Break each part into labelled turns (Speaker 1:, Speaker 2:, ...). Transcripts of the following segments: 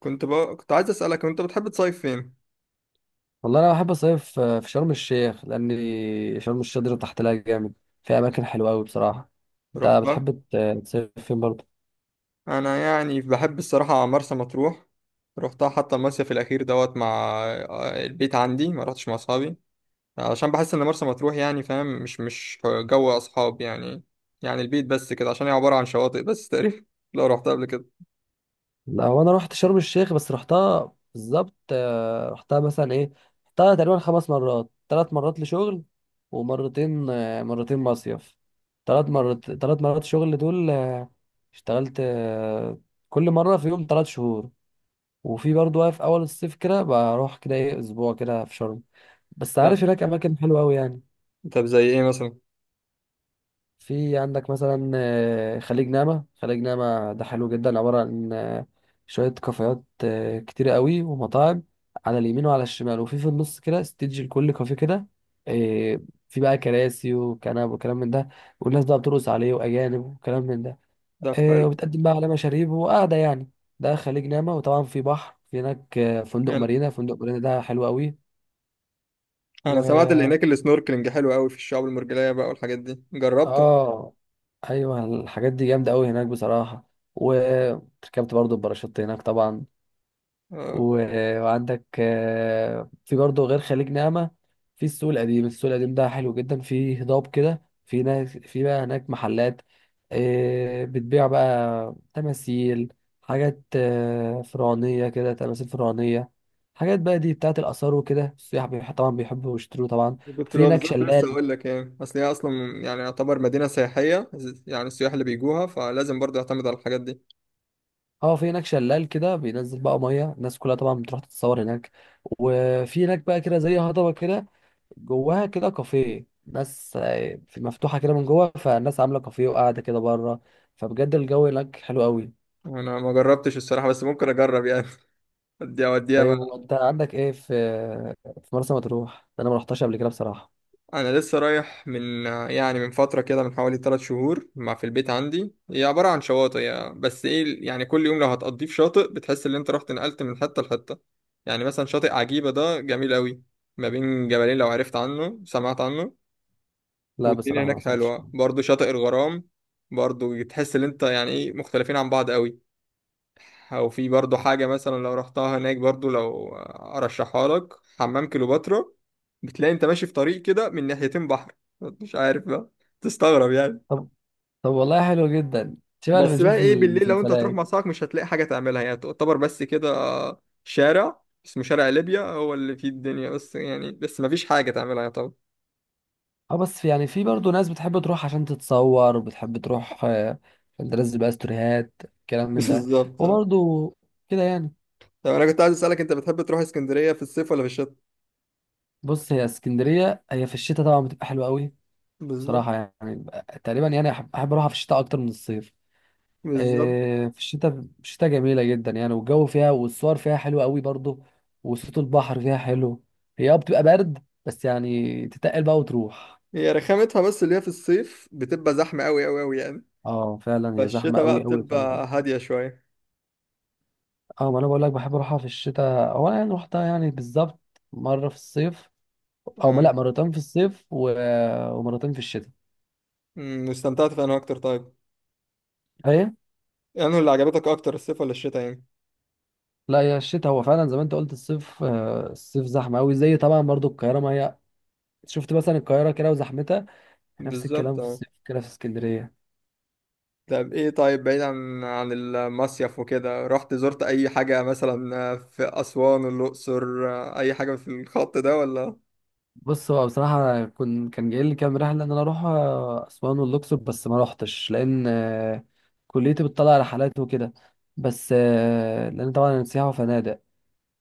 Speaker 1: كنت عايز اسالك، انت بتحب تصيف فين؟
Speaker 2: والله انا بحب اصيف في شرم الشيخ، لان شرم الشيخ دي تحت لها جامد. في اماكن حلوه قوي بصراحه. انت
Speaker 1: رحتها.
Speaker 2: بتحب تصيف فين برضه؟
Speaker 1: انا يعني بحب الصراحه مرسى مطروح. رحتها حتى المصيف الاخير دوت مع البيت عندي، ما رحتش مع اصحابي عشان بحس ان مرسى مطروح يعني فاهم، مش جو اصحاب يعني. يعني البيت بس كده، عشان هي عباره عن شواطئ بس تقريبا لو رحتها قبل كده.
Speaker 2: لا، هو انا رحت شرم الشيخ بس رحتها بالظبط، رحتها مثلا ايه. رحتها تقريبا 5 مرات، 3 مرات لشغل ومرتين آه، مرتين مصيف. ثلاث مرات شغل دول، اشتغلت، كل مره في يوم 3 شهور. وفي برضه بقى في اول الصيف كده بروح كده ايه اسبوع كده في شرم. بس
Speaker 1: لا.
Speaker 2: عارف هناك اماكن حلوه قوي يعني.
Speaker 1: طب زي ايه مثلا؟
Speaker 2: في عندك مثلا خليج نعمه. خليج نعمه ده حلو جدا، عباره عن شويه كافيهات كتير قوي ومطاعم، على اليمين وعلى الشمال، وفي النص كده ستيدج لكل كافيه كده. آه، في بقى كراسي وكنب وكلام من ده. والناس بقى بترقص عليه، واجانب وكلام من ده.
Speaker 1: ده حلو.
Speaker 2: وبتقدم بقى على مشاريب، وقاعدة يعني. ده خليج نعمة. وطبعا في بحر، في هناك فندق
Speaker 1: انا
Speaker 2: مارينا. فندق مارينا ده حلو قوي. و
Speaker 1: انا سمعت اللي هناك السنوركلينج حلو قوي في الشعاب المرجانيه بقى والحاجات دي، جربت؟
Speaker 2: اه ايوه، الحاجات دي جامدة قوي هناك بصراحة، وركبت برضو الباراشوت هناك طبعا. وعندك في برضه غير خليج نعمة، في السوق القديم. السوق القديم ده حلو جدا، فيه هضاب كده، في ناس، في بقى هناك محلات بتبيع بقى تماثيل، حاجات فرعونية كده، تماثيل فرعونية، حاجات بقى دي بتاعت الآثار وكده. السياح طبعا بيحبوا يشتروا طبعا.
Speaker 1: كنت
Speaker 2: في
Speaker 1: بقى
Speaker 2: هناك
Speaker 1: بالظبط لسه
Speaker 2: شلال.
Speaker 1: هقول لك، يعني اصل هي اصلا يعني يعتبر مدينه سياحيه، يعني السياح اللي بيجوها فلازم برضه يعتمد على الحاجات دي.
Speaker 2: اه، في هناك شلال كده بينزل بقى مية. الناس كلها طبعا بتروح تتصور هناك. وفي هناك بقى كده زي هضبة كده، جواها كده كافيه، ناس مفتوحة كده من جوه. فالناس عاملة كافيه وقاعدة كده بره. فبجد الجو هناك حلو قوي.
Speaker 1: انا ما جربتش الصراحه، بس ممكن اجرب يعني. اديها وديها
Speaker 2: طيب،
Speaker 1: بقى.
Speaker 2: وانت عندك ايه في مرسى مطروح ده؟ انا ما رحتش قبل كده بصراحة.
Speaker 1: انا لسه رايح من يعني من فتره كده، من حوالي 3 شهور مع في البيت عندي. هي عباره عن شواطئ يعني، بس ايه يعني كل يوم لو هتقضيه في شاطئ بتحس ان انت رحت نقلت من حته لحته. يعني مثلا شاطئ عجيبه ده جميل قوي، ما بين جبلين، لو عرفت عنه سمعت عنه.
Speaker 2: لا،
Speaker 1: والدنيا
Speaker 2: بصراحة
Speaker 1: هناك
Speaker 2: ما سمعتش
Speaker 1: حلوة
Speaker 2: عنه.
Speaker 1: برضو. شاطئ الغرام برضو تحس ان انت يعني ايه مختلفين عن بعض قوي. او في برضو حاجة مثلا لو رحتها هناك برضو لو ارشحها لك حمام كليوباترا، بتلاقي انت ماشي في طريق كده من ناحيتين بحر، مش عارف بقى، تستغرب يعني.
Speaker 2: طب طب والله حلو جدا، شبه اللي
Speaker 1: بس بقى
Speaker 2: بنشوفه في
Speaker 1: ايه، بالليل لو انت هتروح
Speaker 2: المسلسلات.
Speaker 1: مع صاحبك مش هتلاقي حاجة تعملها يعني، تعتبر بس كده شارع اسمه شارع ليبيا هو اللي فيه الدنيا، بس يعني بس مفيش حاجة تعملها يعني طبعا.
Speaker 2: اه، بس يعني في برضه ناس بتحب تروح عشان تتصور، وبتحب تروح عشان تنزل بقى ستوريهات، كلام من ده.
Speaker 1: بالظبط اه.
Speaker 2: وبرضه كده يعني.
Speaker 1: طب انا كنت عايز اسالك، انت بتحب تروح اسكندريه في الصيف ولا في الشتاء؟
Speaker 2: بص، هي اسكندرية، هي في الشتاء طبعا بتبقى حلوة قوي.
Speaker 1: بالظبط.
Speaker 2: بصراحة يعني، تقريبا يعني أحب أروحها في الشتاء أكتر من الصيف.
Speaker 1: بالظبط.
Speaker 2: إيه، في الشتاء جميلة جدا يعني، والجو فيها والصور فيها حلوة قوي برضو. وصوت البحر فيها حلو. هي اه بتبقى برد، بس يعني تتقل بقى وتروح.
Speaker 1: هي رخامتها بس اللي هي في الصيف بتبقى زحمة أوي أوي أوي يعني.
Speaker 2: اه، فعلا هي زحمة
Speaker 1: فالشتا بقى
Speaker 2: قوي قوي فعلا.
Speaker 1: بتبقى هادية شوية.
Speaker 2: اه، ما أنا بقول لك بحب أروحها في الشتاء. هو أنا يعني روحتها يعني بالظبط مرة في الصيف، أو ما- لا،
Speaker 1: آه.
Speaker 2: مرتين في الصيف ومرتين في الشتاء.
Speaker 1: واستمتعت في أنا أكتر طيب؟
Speaker 2: هي
Speaker 1: يعني اللي عجبتك أكتر الصيف ولا الشتا يعني؟
Speaker 2: لا، هي الشتاء، هو فعلا زي ما انت قلت، الصيف الصيف زحمة قوي، زي طبعا برضو القاهرة ما هي، شفت مثلا القاهرة كده وزحمتها، نفس
Speaker 1: بالظبط
Speaker 2: الكلام في
Speaker 1: اه.
Speaker 2: الصيف كده في اسكندرية.
Speaker 1: طب إيه طيب، بعيد عن المصيف وكده، رحت زرت أي حاجة مثلا في أسوان الأقصر؟ أي حاجة في الخط ده ولا؟
Speaker 2: بص، هو بصراحة كان جاي لي كام رحلة إن أنا أروح أسوان والأقصر، بس ما روحتش لأن كليتي بتطلع رحلات وكده. بس لأن طبعا أنا سياحة وفنادق.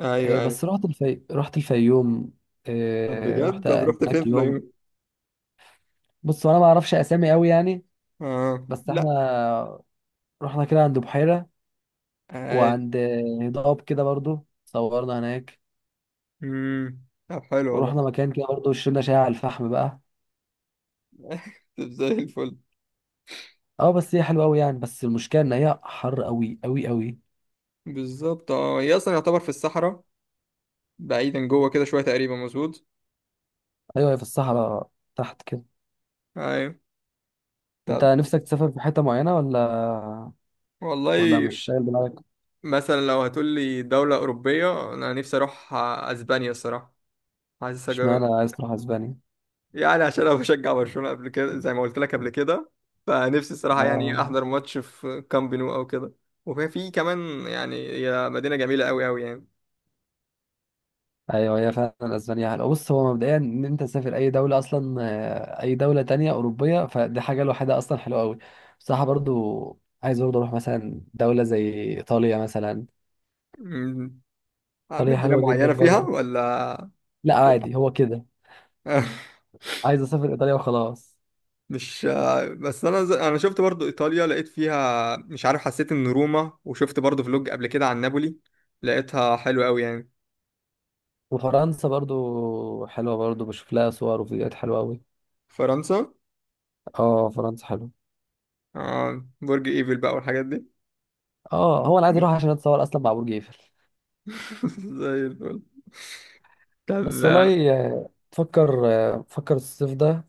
Speaker 1: أيوه أيوه.
Speaker 2: بس رحت الفيوم.
Speaker 1: طب بجد
Speaker 2: رحت
Speaker 1: طب رحت فين
Speaker 2: هناك
Speaker 1: في
Speaker 2: يوم.
Speaker 1: العيون؟
Speaker 2: بص، أنا ما أعرفش أسامي أوي يعني،
Speaker 1: آه
Speaker 2: بس
Speaker 1: لا.
Speaker 2: إحنا رحنا كده عند بحيرة،
Speaker 1: آه.
Speaker 2: وعند هضاب كده، برضو صورنا هناك.
Speaker 1: أمم. طب حلو والله.
Speaker 2: ورحنا مكان كده برضو، شربنا شاي على الفحم بقى.
Speaker 1: طب زي الفل.
Speaker 2: اه، بس هي حلوه قوي يعني، بس المشكله ان هي حر قوي قوي قوي.
Speaker 1: بالظبط اه. هي اصلا يعتبر في الصحراء، بعيدا جوه كده شويه تقريبا مظبوط.
Speaker 2: ايوه، هي في الصحراء تحت كده.
Speaker 1: ايوه.
Speaker 2: انت
Speaker 1: طب
Speaker 2: نفسك تسافر في حته معينه، ولا
Speaker 1: والله،
Speaker 2: مش شايل دماغك؟
Speaker 1: مثلا لو هتقول لي دوله اوروبيه انا نفسي اروح اسبانيا الصراحه. حاسس أجو...
Speaker 2: اشمعنى عايز تروح اسبانيا؟
Speaker 1: يعني عشان انا بشجع برشلونه قبل كده زي ما قلت لك قبل كده، فنفسي الصراحه يعني
Speaker 2: اه،
Speaker 1: احضر ماتش في كامب نو او كده. وفي في كمان، يعني هي مدينه جميله قوي قوي يعني.
Speaker 2: ايوه، هي فعلا اسبانيا حلوه. بص، هو مبدئيا ان انت تسافر اي دوله اصلا، اي دوله تانية اوروبيه، فدي حاجه لوحدها اصلا حلوه قوي. بصراحه برضو عايز برضو اروح مثلا دوله زي ايطاليا مثلا.
Speaker 1: أمم،
Speaker 2: ايطاليا
Speaker 1: مدينه
Speaker 2: حلوه جدا
Speaker 1: معينه فيها
Speaker 2: برضو.
Speaker 1: ولا؟
Speaker 2: لا، عادي، هو كده، عايز اسافر ايطاليا وخلاص.
Speaker 1: مش، بس انا ز... انا شفت برضو ايطاليا، لقيت فيها مش عارف، حسيت ان روما، وشفت برضو فلوج قبل كده عن نابولي، لقيتها حلوة قوي يعني.
Speaker 2: وفرنسا برضو حلوة، برضو بشوف لها صور وفيديوهات حلوة أوي.
Speaker 1: فرنسا.
Speaker 2: اه، فرنسا حلوة.
Speaker 1: آه برج ايفل بقى والحاجات دي.
Speaker 2: اه، هو أنا عايز أروح عشان أتصور أصلا مع برج إيفل.
Speaker 1: زي الفل. طب.
Speaker 2: بس والله، فكر الصيف ده.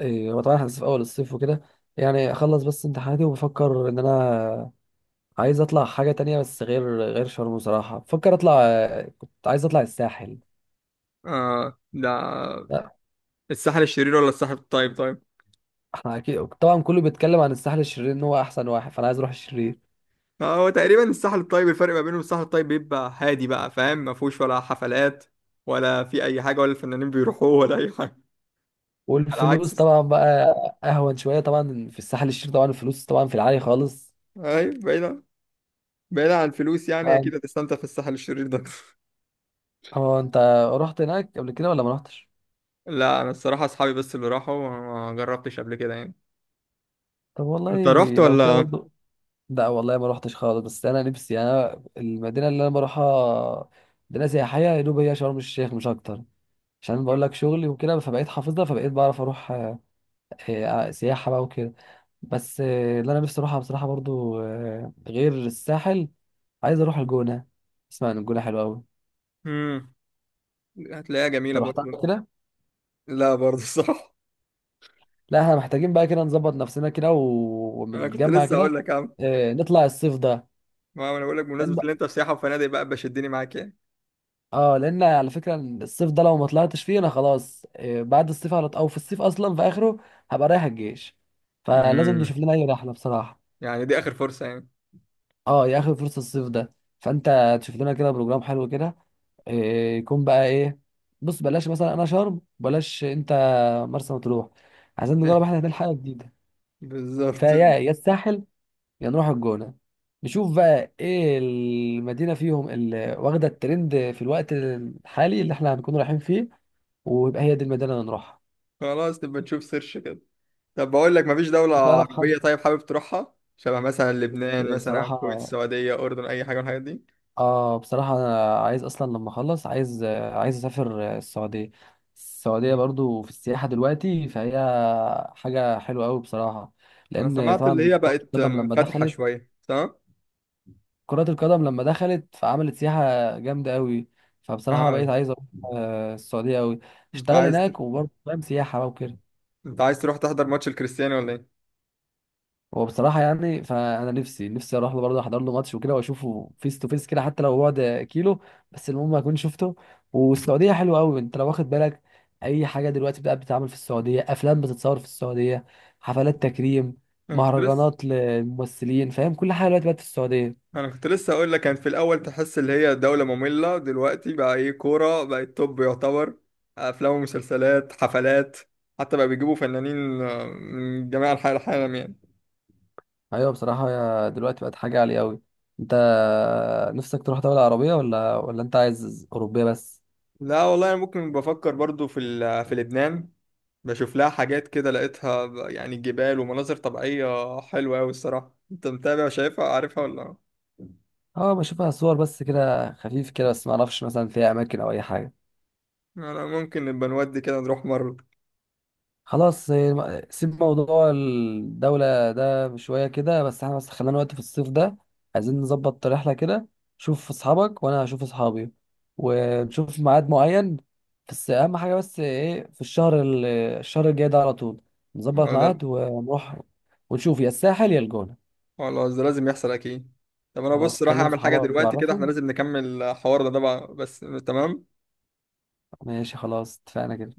Speaker 2: هو طبعا احنا لسه في أول الصيف وكده، يعني أخلص بس امتحاناتي وبفكر إن أنا عايز أطلع حاجة تانية، بس غير شرم. بصراحة بفكر أطلع، كنت عايز أطلع الساحل.
Speaker 1: آه ده.
Speaker 2: لا،
Speaker 1: الساحل الشرير ولا الساحل الطيب طيب؟
Speaker 2: احنا أكيد طبعا كله بيتكلم عن الساحل الشرير إن هو أحسن واحد، فأنا عايز أروح الشرير.
Speaker 1: هو تقريبا الساحل الطيب، الفرق ما بينه وبين الساحل الطيب بيبقى هادي بقى فاهم، ما فيهوش ولا حفلات ولا في اي حاجة ولا الفنانين بيروحوه ولا اي حاجة. على
Speaker 2: والفلوس
Speaker 1: عكس.
Speaker 2: طبعا بقى اهون شويه طبعا في الساحل الشرير، طبعا الفلوس طبعا في العالي خالص.
Speaker 1: ايوه. بعيد، بعيد عن الفلوس يعني
Speaker 2: ف-
Speaker 1: اكيد هتستمتع في الساحل الشرير ده.
Speaker 2: هو انت رحت هناك قبل كده ولا ما رحتش؟
Speaker 1: لا انا الصراحه اصحابي بس اللي راحوا، ما جربتش قبل كده يعني.
Speaker 2: طب والله،
Speaker 1: انت رحت
Speaker 2: لو كده
Speaker 1: ولا؟
Speaker 2: برضو، لا والله ما رحتش خالص، بس انا نفسي. انا المدينه اللي انا بروحها مدينه سياحيه يا دوب هي شرم الشيخ، مش اكتر. عشان بقول لك شغلي وكده، فبقيت حافظها، فبقيت بعرف اروح سياحه بقى وكده. بس اللي انا نفسي اروحها بصراحه برضو غير الساحل، عايز اروح الجونه. اسمع ان الجونه حلوه قوي.
Speaker 1: امم هتلاقيها جميله
Speaker 2: انت رحت عمل
Speaker 1: برضه.
Speaker 2: كده؟
Speaker 1: لا برضه صح.
Speaker 2: لا، احنا محتاجين بقى كده نظبط نفسنا كده،
Speaker 1: انا كنت
Speaker 2: ونتجمع
Speaker 1: لسه
Speaker 2: كده.
Speaker 1: اقول لك يا عم.
Speaker 2: اه، نطلع الصيف ده
Speaker 1: ما انا بقول لك،
Speaker 2: لان
Speaker 1: بمناسبه ان انت في سياحه وفنادق بقى بشدني معاك يعني.
Speaker 2: اه لان على فكره الصيف ده لو ما طلعتش فيه انا خلاص، اه بعد الصيف على او في الصيف اصلا في اخره هبقى رايح الجيش، فلازم
Speaker 1: امم
Speaker 2: نشوف لنا اي رحله بصراحه.
Speaker 1: يعني دي اخر فرصه يعني.
Speaker 2: اه، يا اخر فرصه الصيف ده. فانت تشوف لنا كده بروجرام حلو كده، اه، يكون بقى ايه. بص، بلاش مثلا انا شرم، بلاش انت مرسى مطروح، عايزين نجرب احنا هناك حاجه جديده. فيا
Speaker 1: بالظبط.
Speaker 2: يا الساحل، يا نروح الجونة. نشوف بقى ايه المدينة فيهم اللي واخدة الترند في الوقت الحالي اللي احنا هنكون رايحين فيه، ويبقى هي دي المدينة اللي نروحها.
Speaker 1: خلاص نبقى نشوف سيرش كده. طب بقول لك، مفيش دوله
Speaker 2: تعرف حد؟
Speaker 1: عربيه طيب حابب تروحها، شبه مثلا لبنان
Speaker 2: بس
Speaker 1: مثلا، أو الكويت،
Speaker 2: بصراحة،
Speaker 1: السعوديه، اردن، اي حاجه من الحاجات دي؟
Speaker 2: اه بصراحة انا عايز، اصلا لما اخلص عايز اسافر السعودية. السعودية برضو في السياحة دلوقتي، فهي حاجة حلوة قوي بصراحة.
Speaker 1: انا
Speaker 2: لان
Speaker 1: سمعت اللي
Speaker 2: طبعا
Speaker 1: هي
Speaker 2: كرة
Speaker 1: بقت
Speaker 2: القدم لما
Speaker 1: منفتحة
Speaker 2: دخلت،
Speaker 1: شوية، تمام.
Speaker 2: كرة القدم لما دخلت فعملت سياحة جامدة قوي. فبصراحة بقيت
Speaker 1: اه.
Speaker 2: عايز اروح السعودية قوي،
Speaker 1: انت
Speaker 2: اشتغل
Speaker 1: عايز تر...
Speaker 2: هناك، وبرضه فاهم سياحة بقى وكده.
Speaker 1: انت عايز تروح تحضر ماتش الكريستيانو ولا ايه؟
Speaker 2: هو بصراحة يعني، فأنا نفسي أروح له برضه، أحضر له ماتش وكده وأشوفه فيس تو فيس كده، حتى لو بعد كيلو، بس المهم أكون شفته. والسعودية حلوة أوي، أنت لو واخد بالك أي حاجة دلوقتي بقى بتتعمل في السعودية، أفلام بتتصور في السعودية، حفلات تكريم،
Speaker 1: انا كنت لسه
Speaker 2: مهرجانات للممثلين، فاهم، كل حاجة دلوقتي بقت في السعودية.
Speaker 1: انا كنت لسه اقول لك، كان في الاول تحس اللي هي دولة مملة، دلوقتي بقى ايه كورة بقت توب يعتبر، افلام ومسلسلات، حفلات، حتى بقى بيجيبوا فنانين من جميع انحاء العالم يعني.
Speaker 2: ايوه بصراحه، يا دلوقتي بقت حاجه عاليه قوي. انت نفسك تروح دوله عربيه ولا انت عايز اوروبيه بس؟
Speaker 1: لا والله انا ممكن بفكر برضو في في لبنان، بشوف لها حاجات كده لقيتها يعني جبال ومناظر طبيعية حلوة أوي الصراحة. أنت متابع شايفها عارفها ولا؟
Speaker 2: اه بشوفها صور بس كده خفيف كده، بس ما اعرفش مثلا فيها اماكن او اي حاجه.
Speaker 1: أنا ممكن نبقى نودي كده نروح مرة.
Speaker 2: خلاص، سيب موضوع الدولة ده شوية كده، بس احنا بس خلينا وقت في الصيف ده، عايزين نظبط رحلة كده. شوف أصحابك وأنا هشوف أصحابي، ونشوف ميعاد معين. بس أهم حاجة، بس إيه، في الشهر الشهر الجاي ده على طول نظبط
Speaker 1: أو ده.
Speaker 2: ميعاد ونروح، ونشوف يا الساحل يا الجونة.
Speaker 1: خلاص ده لازم يحصل أكيد. طب أنا بص
Speaker 2: خلاص،
Speaker 1: راح
Speaker 2: كلم
Speaker 1: أعمل حاجة
Speaker 2: صحابك
Speaker 1: دلوقتي كده، إحنا
Speaker 2: وعرفهم.
Speaker 1: لازم نكمل حوارنا ده بقى بس. تمام.
Speaker 2: ماشي، خلاص، اتفقنا كده.